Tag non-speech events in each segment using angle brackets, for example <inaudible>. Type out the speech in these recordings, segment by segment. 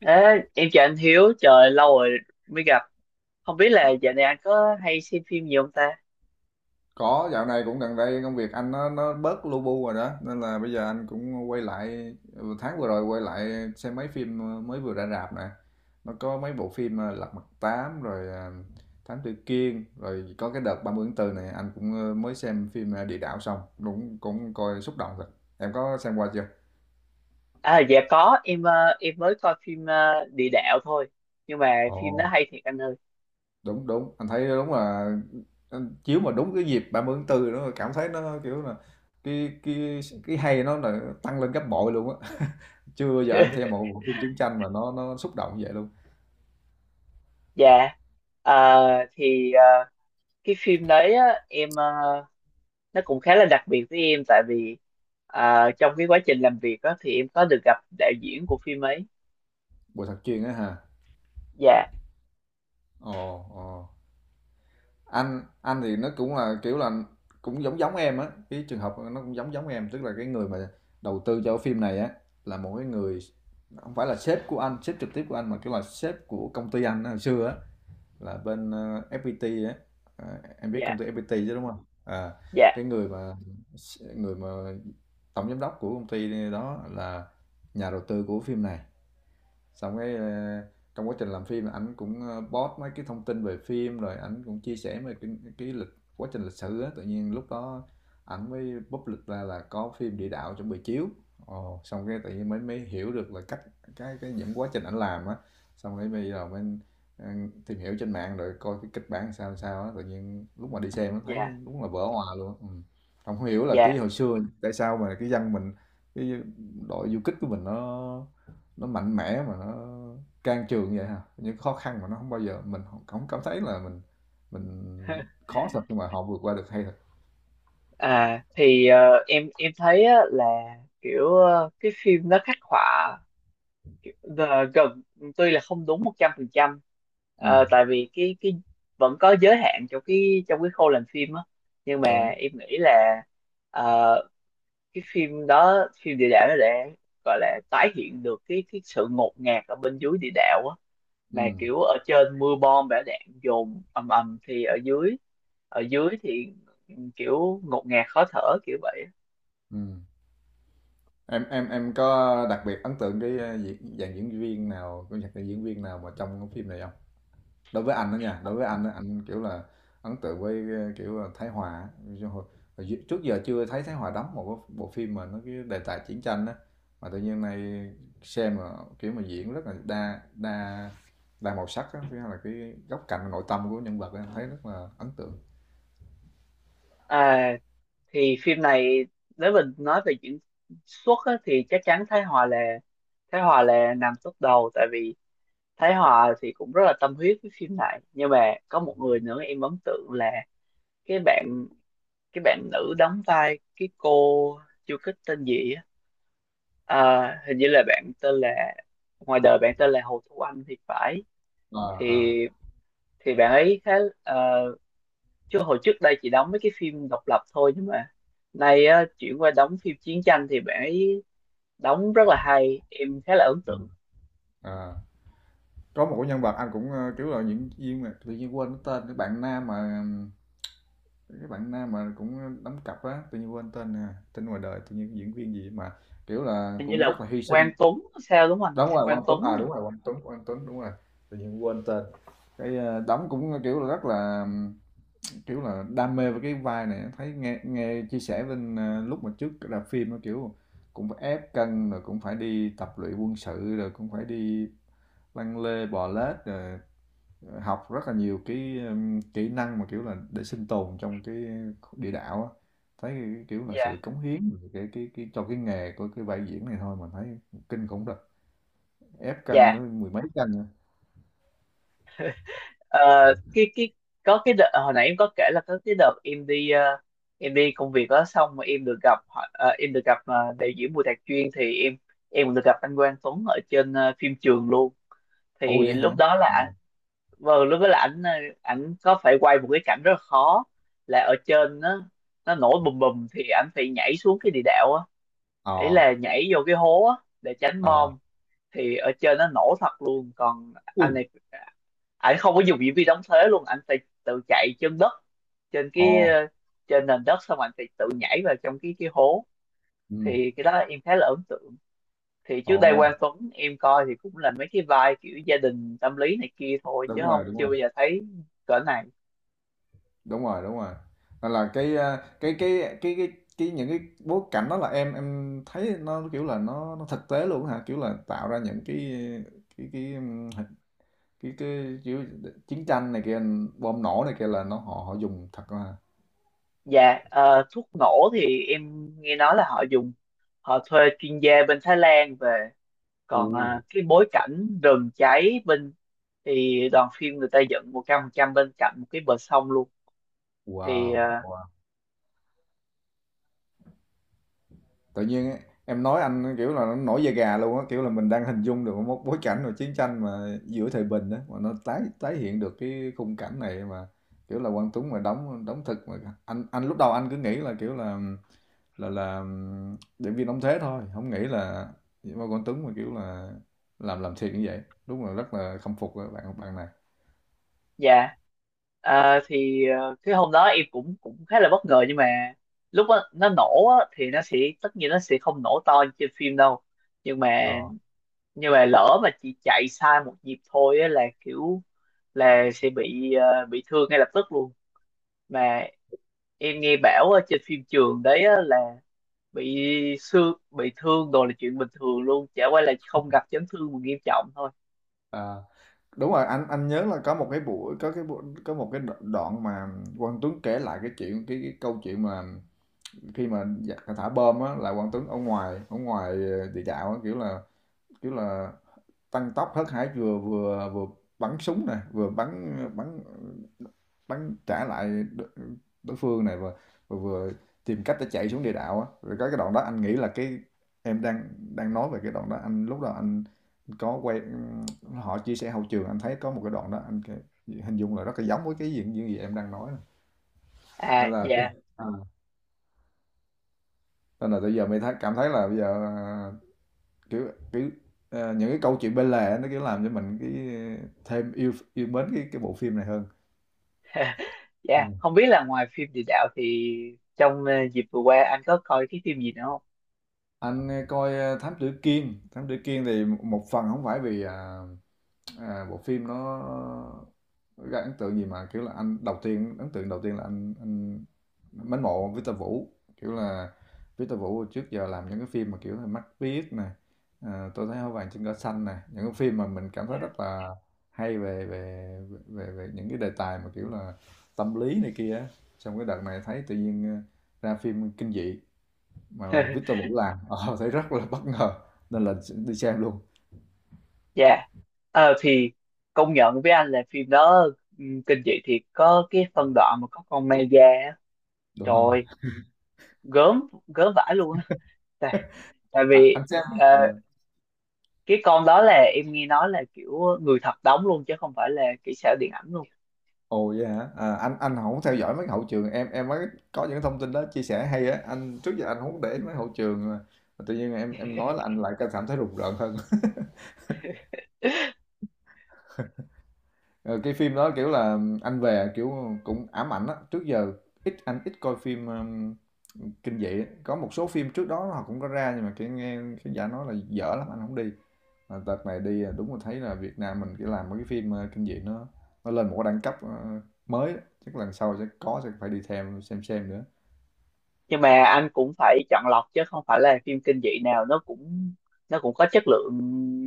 Ê, em chào anh Hiếu, trời lâu rồi mới gặp. Không biết là dạo này anh có hay xem phim gì không ta? Có, dạo này cũng gần đây công việc anh nó bớt lu bu rồi đó, nên là bây giờ anh cũng quay lại tháng vừa rồi quay lại xem mấy phim mới vừa ra rạp nè. Nó có mấy bộ phim à, Lật Mặt Tám rồi à, Thám Tử Kiên, rồi có cái đợt 30 tháng 4 này anh cũng mới xem phim à, Địa Đạo xong, đúng cũng coi xúc động thật. Em có xem qua chưa? À, dạ có, em mới coi phim Địa Đạo thôi. Nhưng mà phim Ồ, nó hay thiệt anh ơi. đúng đúng, anh thấy đúng là anh chiếu mà đúng cái dịp 30 tháng 4 nữa cảm thấy nó kiểu là cái cái cái hay nó là tăng lên gấp bội luôn á. Chưa bao giờ anh xem một <laughs> bộ phim chiến tranh mà nó xúc động như vậy luôn. Dạ. Ờ, thì ờ, cái phim đấy á, nó cũng khá là đặc biệt với em, tại vì trong cái quá trình làm việc á, thì em có được gặp đạo diễn của phim ấy. Bộ thật chuyên á hả? Dạ, Ồ, ồ. Anh thì nó cũng là kiểu là cũng giống giống em á, cái trường hợp nó cũng giống giống em, tức là cái người mà đầu tư cho cái phim này á là một cái người không phải là sếp của anh, sếp trực tiếp của anh mà kiểu là sếp của công ty anh á, hồi xưa á là bên FPT á. Ờ, em biết dạ, công ty FPT chứ đúng không? À, dạ, cái người mà tổng giám đốc của công ty đó là nhà đầu tư của phim này, xong cái trong quá trình làm phim ảnh cũng post mấy cái thông tin về phim, rồi ảnh cũng chia sẻ về cái lịch quá trình lịch sử á, tự nhiên lúc đó ảnh mới public ra là có phim địa đạo chuẩn bị chiếu. Ồ, xong cái tự nhiên mới mới hiểu được là cách cái những quá trình ảnh làm á, xong cái bây giờ mới ờ, tìm hiểu trên mạng rồi coi cái kịch bản sao sao á, tự nhiên lúc mà đi xem nó thấy dạ, đúng là vỡ hòa luôn ừ. Không hiểu là dạ. cái hồi xưa tại sao mà cái dân mình, cái đội du kích của mình nó mạnh mẽ mà nó can trường vậy ha. Những khó khăn mà nó không bao giờ mình không hổng cảm thấy là mình khó thật nhưng mà họ vượt qua được hay thật. À thì ờ, em thấy á, là kiểu, cái phim nó khắc họa, ờ, gần, tuy là không đúng 100%, Ừm. tại vì cái vẫn có giới hạn trong cái khâu làm phim á, nhưng mà Đúng. em nghĩ là, ờ, cái phim đó, phim địa đạo, nó để gọi là tái hiện được cái sự ngột ngạt ở bên dưới địa đạo á, mà Ừm. kiểu ở trên mưa bom bão đạn dồn ầm ầm, thì ở dưới, ở dưới thì kiểu ngột ngạt khó thở, kiểu vậy. Ừm. Em có đặc biệt ấn tượng cái, a, diễn dàn diễn viên nào, của dàn diễn viên nào mà trong cái phim này không? Đối với anh đó nha, đối với anh á, anh kiểu là ấn tượng với kiểu là Thái Hòa á. Chứ trước giờ chưa thấy Thái Hòa đóng một cái bộ phim mà nó cái đề tài chiến tranh đó, mà tự nhiên này xem mà kiểu mà diễn rất là đa đa đa màu sắc á, cái là cái góc cạnh nội tâm của nhân vật á, em thấy rất là ấn tượng. À, thì phim này, nếu mình nói về diễn xuất á, thì chắc chắn Thái Hòa nằm top đầu, tại vì Thái Hòa thì cũng rất là tâm huyết với phim này, nhưng mà có một người nữa em ấn tượng là cái bạn cái bạn nữ đóng vai cái cô chưa kích tên gì á, à, hình như là bạn tên là ngoài đời bạn tên là Hồ Thu Anh thì phải. À. thì À. thì bạn ấy khá, ờ, chứ hồi trước đây chị đóng mấy cái phim độc lập thôi, nhưng mà nay á, chuyển qua đóng phim chiến tranh thì bạn ấy đóng rất là hay, em khá là ấn Ừ. tượng. À. Có một cái nhân vật anh cũng kiểu là diễn viên mà tự nhiên quên cái tên, cái bạn nam mà cũng đóng cặp á, tự nhiên quên tên nè, tên ngoài đời tự nhiên diễn viên gì mà kiểu là Hình như cũng là rất là hy Quang sinh. Tuấn, sao đúng không anh? Đúng rồi, Quang Quang Tuấn Tuấn. à, đúng rồi, Quang Tuấn, Quang Tuấn, đúng rồi. Tự nhiên quên tên cái đóng cũng kiểu là rất là kiểu là đam mê với cái vai này, thấy nghe nghe chia sẻ bên lúc mà trước ra phim á, kiểu cũng phải ép cân, rồi cũng phải đi tập luyện quân sự, rồi cũng phải đi lăn lê bò lết, rồi học rất là nhiều cái, kỹ năng mà, kiểu là, để sinh tồn trong cái địa đạo á. Thấy, cái, kiểu là, Dạ, sự cống hiến cái cho cái nghề của cái vai diễn này thôi, mình thấy kinh khủng thật. Ép cân dạ. tới mười mấy cân rồi. Ờ, cái Có cái đợt hồi nãy em có kể là có cái đợt em đi công việc đó, xong mà em được gặp đạo diễn Bùi Đạt Chuyên, thì em được gặp anh Quang Tuấn ở trên, phim trường luôn. Ồ Thì vậy lúc hả? đó À. là, vâng, lúc đó là ảnh có phải quay một cái cảnh rất là khó, là ở trên nó nổ bùm bùm, thì ảnh phải nhảy xuống cái địa đạo á, ý Ờ. là nhảy vô cái hố á, để tránh Ờ. bom. Thì ở trên nó nổ thật luôn, còn anh Ui. này, ảnh không có dùng diễn viên đóng thế luôn, ảnh phải tự chạy trên đất, trên Ồ. cái ờ, trên nền đất, xong ảnh phải tự nhảy vào trong cái hố. Ừm. Thì cái đó em khá là ấn tượng, thì trước đây Quang Ồ. Tuấn em coi thì cũng là mấy cái vai kiểu gia đình tâm lý này kia thôi, chứ Đúng rồi, không, đúng chưa rồi. bao giờ thấy cỡ này. Đúng rồi, đúng rồi. Nên là cái à, cái những cái bối cảnh đó là em thấy nó kiểu là nó thực tế luôn hả? Kiểu là tạo ra những cái cái cái kiểu chiến tranh này kia, bom nổ này kia là nó họ họ dùng thật là. Dạ, thuốc nổ thì em nghe nói là họ thuê chuyên gia bên Thái Lan về, còn uh, cái bối cảnh rừng cháy bên, thì đoàn phim người ta dựng 100% bên cạnh một cái bờ sông luôn. thì ờ, wow, wow. Tự nhiên ấy, em nói anh kiểu là nó nổi da gà luôn á, kiểu là mình đang hình dung được một bối cảnh rồi chiến tranh mà giữa thời bình á mà nó tái tái hiện được cái khung cảnh này mà kiểu là Quang Tuấn mà đóng đóng thực mà anh lúc đầu anh cứ nghĩ là kiểu là là diễn viên đóng thế thôi, không nghĩ là mà Quang Tuấn mà kiểu là làm thiệt như vậy. Đúng là rất là khâm phục các bạn bạn này. Dạ. Cái hôm đó em cũng cũng khá là bất ngờ, nhưng mà lúc đó, nó nổ á, thì nó sẽ, tất nhiên nó sẽ không nổ to như trên phim đâu, nhưng mà Rồi. Lỡ mà chị chạy sai một nhịp thôi á, là kiểu là sẽ bị, bị thương ngay lập tức luôn, mà em nghe bảo ở trên phim trường đấy á, là bị bị thương đồ là chuyện bình thường luôn, chả qua là không gặp chấn thương mà nghiêm trọng thôi. Đúng rồi, anh nhớ là có một cái buổi, có một cái đoạn mà Quang Tuấn kể lại cái câu chuyện mà khi mà giặc thả bom á là Quang Tuấn ở ngoài địa đạo á, kiểu là tăng tốc hớt hải, vừa vừa vừa bắn súng, này vừa bắn ờ, bắn bắn trả lại đo- đối phương, này vừa vừa, vừa tìm cách để chạy xuống địa đạo á. Rồi có cái đoạn đó anh nghĩ là cái em đang đang nói về cái đoạn đó, anh lúc đó anh có quay họ chia sẻ hậu trường, anh thấy có một cái đoạn đó hình dung là rất là giống với cái gì những gì em đang nói. Nên À, là cái dạ. à, nên là bây giờ mình thấy cảm thấy là bây giờ à, kiểu kiểu à, những cái câu chuyện bên lề nó kiểu làm cho mình cái thêm yêu yêu mến cái bộ phim này hơn. <laughs> Dạ, không biết là ngoài phim địa đạo thì trong, dịp vừa qua anh có coi cái phim gì nữa không? Anh coi Thám Tử Kiên, Thám Tử Kiên thì một một phần không phải vì à, à, bộ phim nó gây ấn tượng gì mà kiểu là anh đầu tiên ấn tượng đầu tiên là anh mến mộ Victor Vũ, kiểu là Victor Vũ trước giờ làm những cái phim mà kiểu là Mắt Biếc nè, à, Tôi thấy hoa vàng trên cỏ xanh nè, những cái phim mà mình cảm thấy Dạ. rất là hay về về về về những cái đề tài mà kiểu là tâm lý này kia á. Xong cái đợt này thấy tự nhiên ra phim kinh dị mà <laughs> Victor Vũ làm, <laughs> thấy rất là bất ngờ nên là đi xem luôn. Dạ. Ờ thì công nhận với anh là phim đó, kinh dị thì có cái phân đoạn mà có con ma da á. Đúng Trời rồi. ơi, gớm, gớm vãi luôn á. Tại, tại À, vì, anh xem ờ, ờ, cái con đó là em nghe nói là kiểu người thật đóng luôn chứ không phải là kỹ xảo điện ảnh luôn. ồ, vậy hả? À, anh hổng theo dõi mấy hậu trường, em mới có những thông tin đó chia sẻ hay á, anh trước giờ anh hổng để ý mấy hậu trường mà tự nhiên em nói là anh lại cảm thấy rùng rợn hơn. <laughs> <laughs> Ờ, cái phim đó kiểu là anh về kiểu cũng ám ảnh á, trước giờ anh ít coi phim kinh dị á. Có một số phim trước đó họ cũng có ra nhưng mà cái nghe cái giả nói là dở lắm anh không đi, mà đợt này đi là đúng là thấy là Việt Nam mình cái làm mấy cái phim kinh dị nó lên một cái đẳng cấp mới á. Chắc lần sau sẽ phải đi theo xem nữa. Nhưng mà anh cũng phải chọn lọc, chứ không phải là phim kinh dị nào nó cũng có chất lượng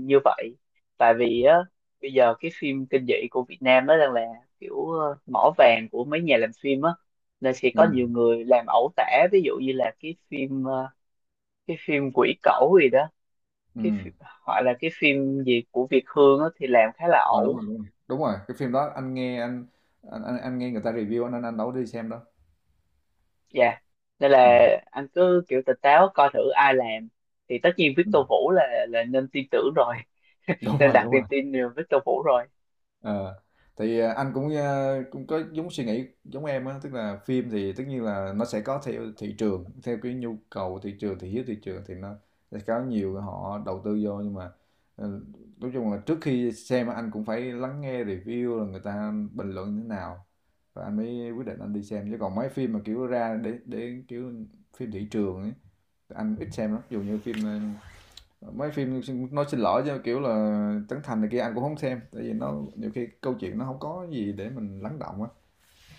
như vậy. Tại vì á, bây giờ cái phim kinh dị của Việt Nam nó đang là kiểu, mỏ vàng của mấy nhà làm phim á, nên sẽ Ừ, có nhiều người làm ẩu tả, ví dụ như là cái phim Quỷ Cẩu gì đó, ừ. cái phim, hoặc là cái phim gì của Việt Hương á thì làm khá là Ờ, đúng ẩu. rồi đúng rồi đúng rồi cái phim đó anh nghe anh nghe người ta review, anh đâu có đi xem đâu. Dạ, nên là Ừ. anh cứ kiểu tỉnh táo coi thử ai làm, thì tất nhiên Ừ. Victor Vũ là nên tin tưởng rồi, Đúng nên rồi, đặt đúng niềm rồi. tin nhiều với Victor Vũ rồi. Ờ, thì à, anh cũng à, cũng có giống suy nghĩ giống em á, tức là phim thì tất nhiên là nó sẽ có theo thị trường, theo cái nhu cầu thị trường, thị hiếu thị trường, thì nó sẽ có nhiều họ đầu tư vô nhưng mà ừ, nói chung là trước khi xem á, anh cũng phải lắng nghe review là người ta bình luận như thế nào và anh mới quyết định anh đi xem, chứ còn mấy phim mà kiểu ra để kiểu phim thị trường ấy, anh ít xem lắm, dù như phim mấy phim, nói xin lỗi chứ kiểu là Trấn Thành này kia anh cũng không xem tại vì nó nhiều khi câu chuyện nó không có gì để mình lắng động á,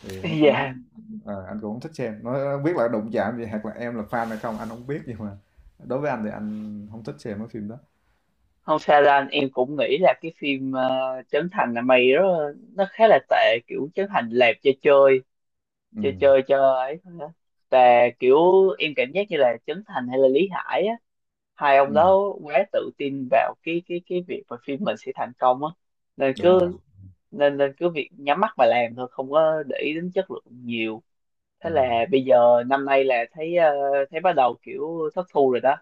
thì nó <laughs> cũng không Dạ, à, anh cũng không thích xem, nó không biết là đụng chạm gì hoặc là em là fan hay không anh không biết, nhưng mà đối với anh thì anh không thích xem mấy phim đó. không sao đâu anh, em cũng nghĩ là Trấn Thành là mày đó, nó khá là tệ, kiểu Trấn Thành làm cho chơi, Ừ. Chơi cho ấy thôi á, và kiểu em cảm giác như là Trấn Thành hay là Lý Hải á, hai ông Ừ. đó quá tự tin vào cái việc mà phim mình sẽ thành công á, nên Đúng rồi. cứ, nên nên cứ việc nhắm mắt mà làm thôi, không có để ý đến chất lượng nhiều. Thế Ừ. là bây giờ năm nay là thấy, thấy bắt đầu kiểu thất thu rồi đó.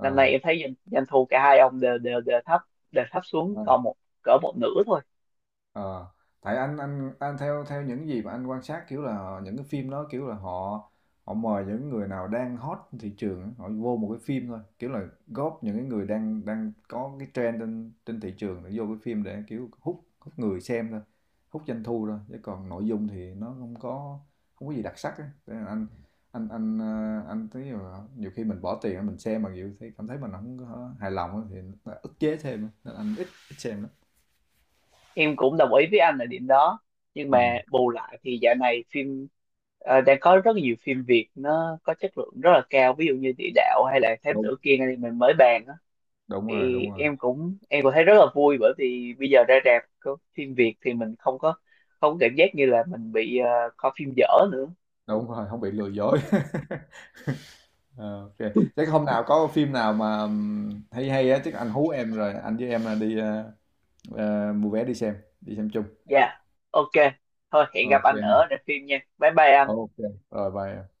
Năm nay em thấy doanh thu cả hai ông đều đều đều thấp, đều thấp xuống còn cỡ một nửa thôi. Ờ, tại anh theo theo những gì mà anh quan sát kiểu là những cái phim đó kiểu là họ họ mời những người nào đang hot trên thị trường á, họ vô một cái phim thôi kiểu là góp những cái người đang đang có cái trend trên trên thị trường để vô cái phim để kiểu hút hút người xem thôi, hút doanh thu thôi, chứ còn nội dung thì nó không có gì đặc sắc á. Thế là anh anh thấy là nhiều khi mình bỏ tiền mình xem mà nhiều thấy cảm thấy mình không có hài lòng á thì nó ức chế thêm á. Nên anh ít ít xem lắm. Em cũng đồng ý với anh ở điểm đó, nhưng Ừ, mà bù lại thì dạo này phim, đang có rất nhiều phim Việt nó có chất lượng rất là cao, ví dụ như Địa Đạo hay là Thám đúng Tử Kiên anh em mình mới bàn á, đúng rồi thì đúng rồi em cũng, em cũng thấy rất là vui, bởi vì bây giờ ra rạp có phim Việt thì mình không có, không có cảm giác như là mình bị, coi phim dở nữa. đúng rồi không bị lừa dối. <laughs> Ờ, ok, chắc hôm nào có phim nào mà hay hay á chắc anh hú em rồi anh với em đi mua vé đi xem chung. Dạ, ok, thôi hẹn gặp Ok anh ha. ở rạp phim nha, bye bye anh. Ok rồi bye.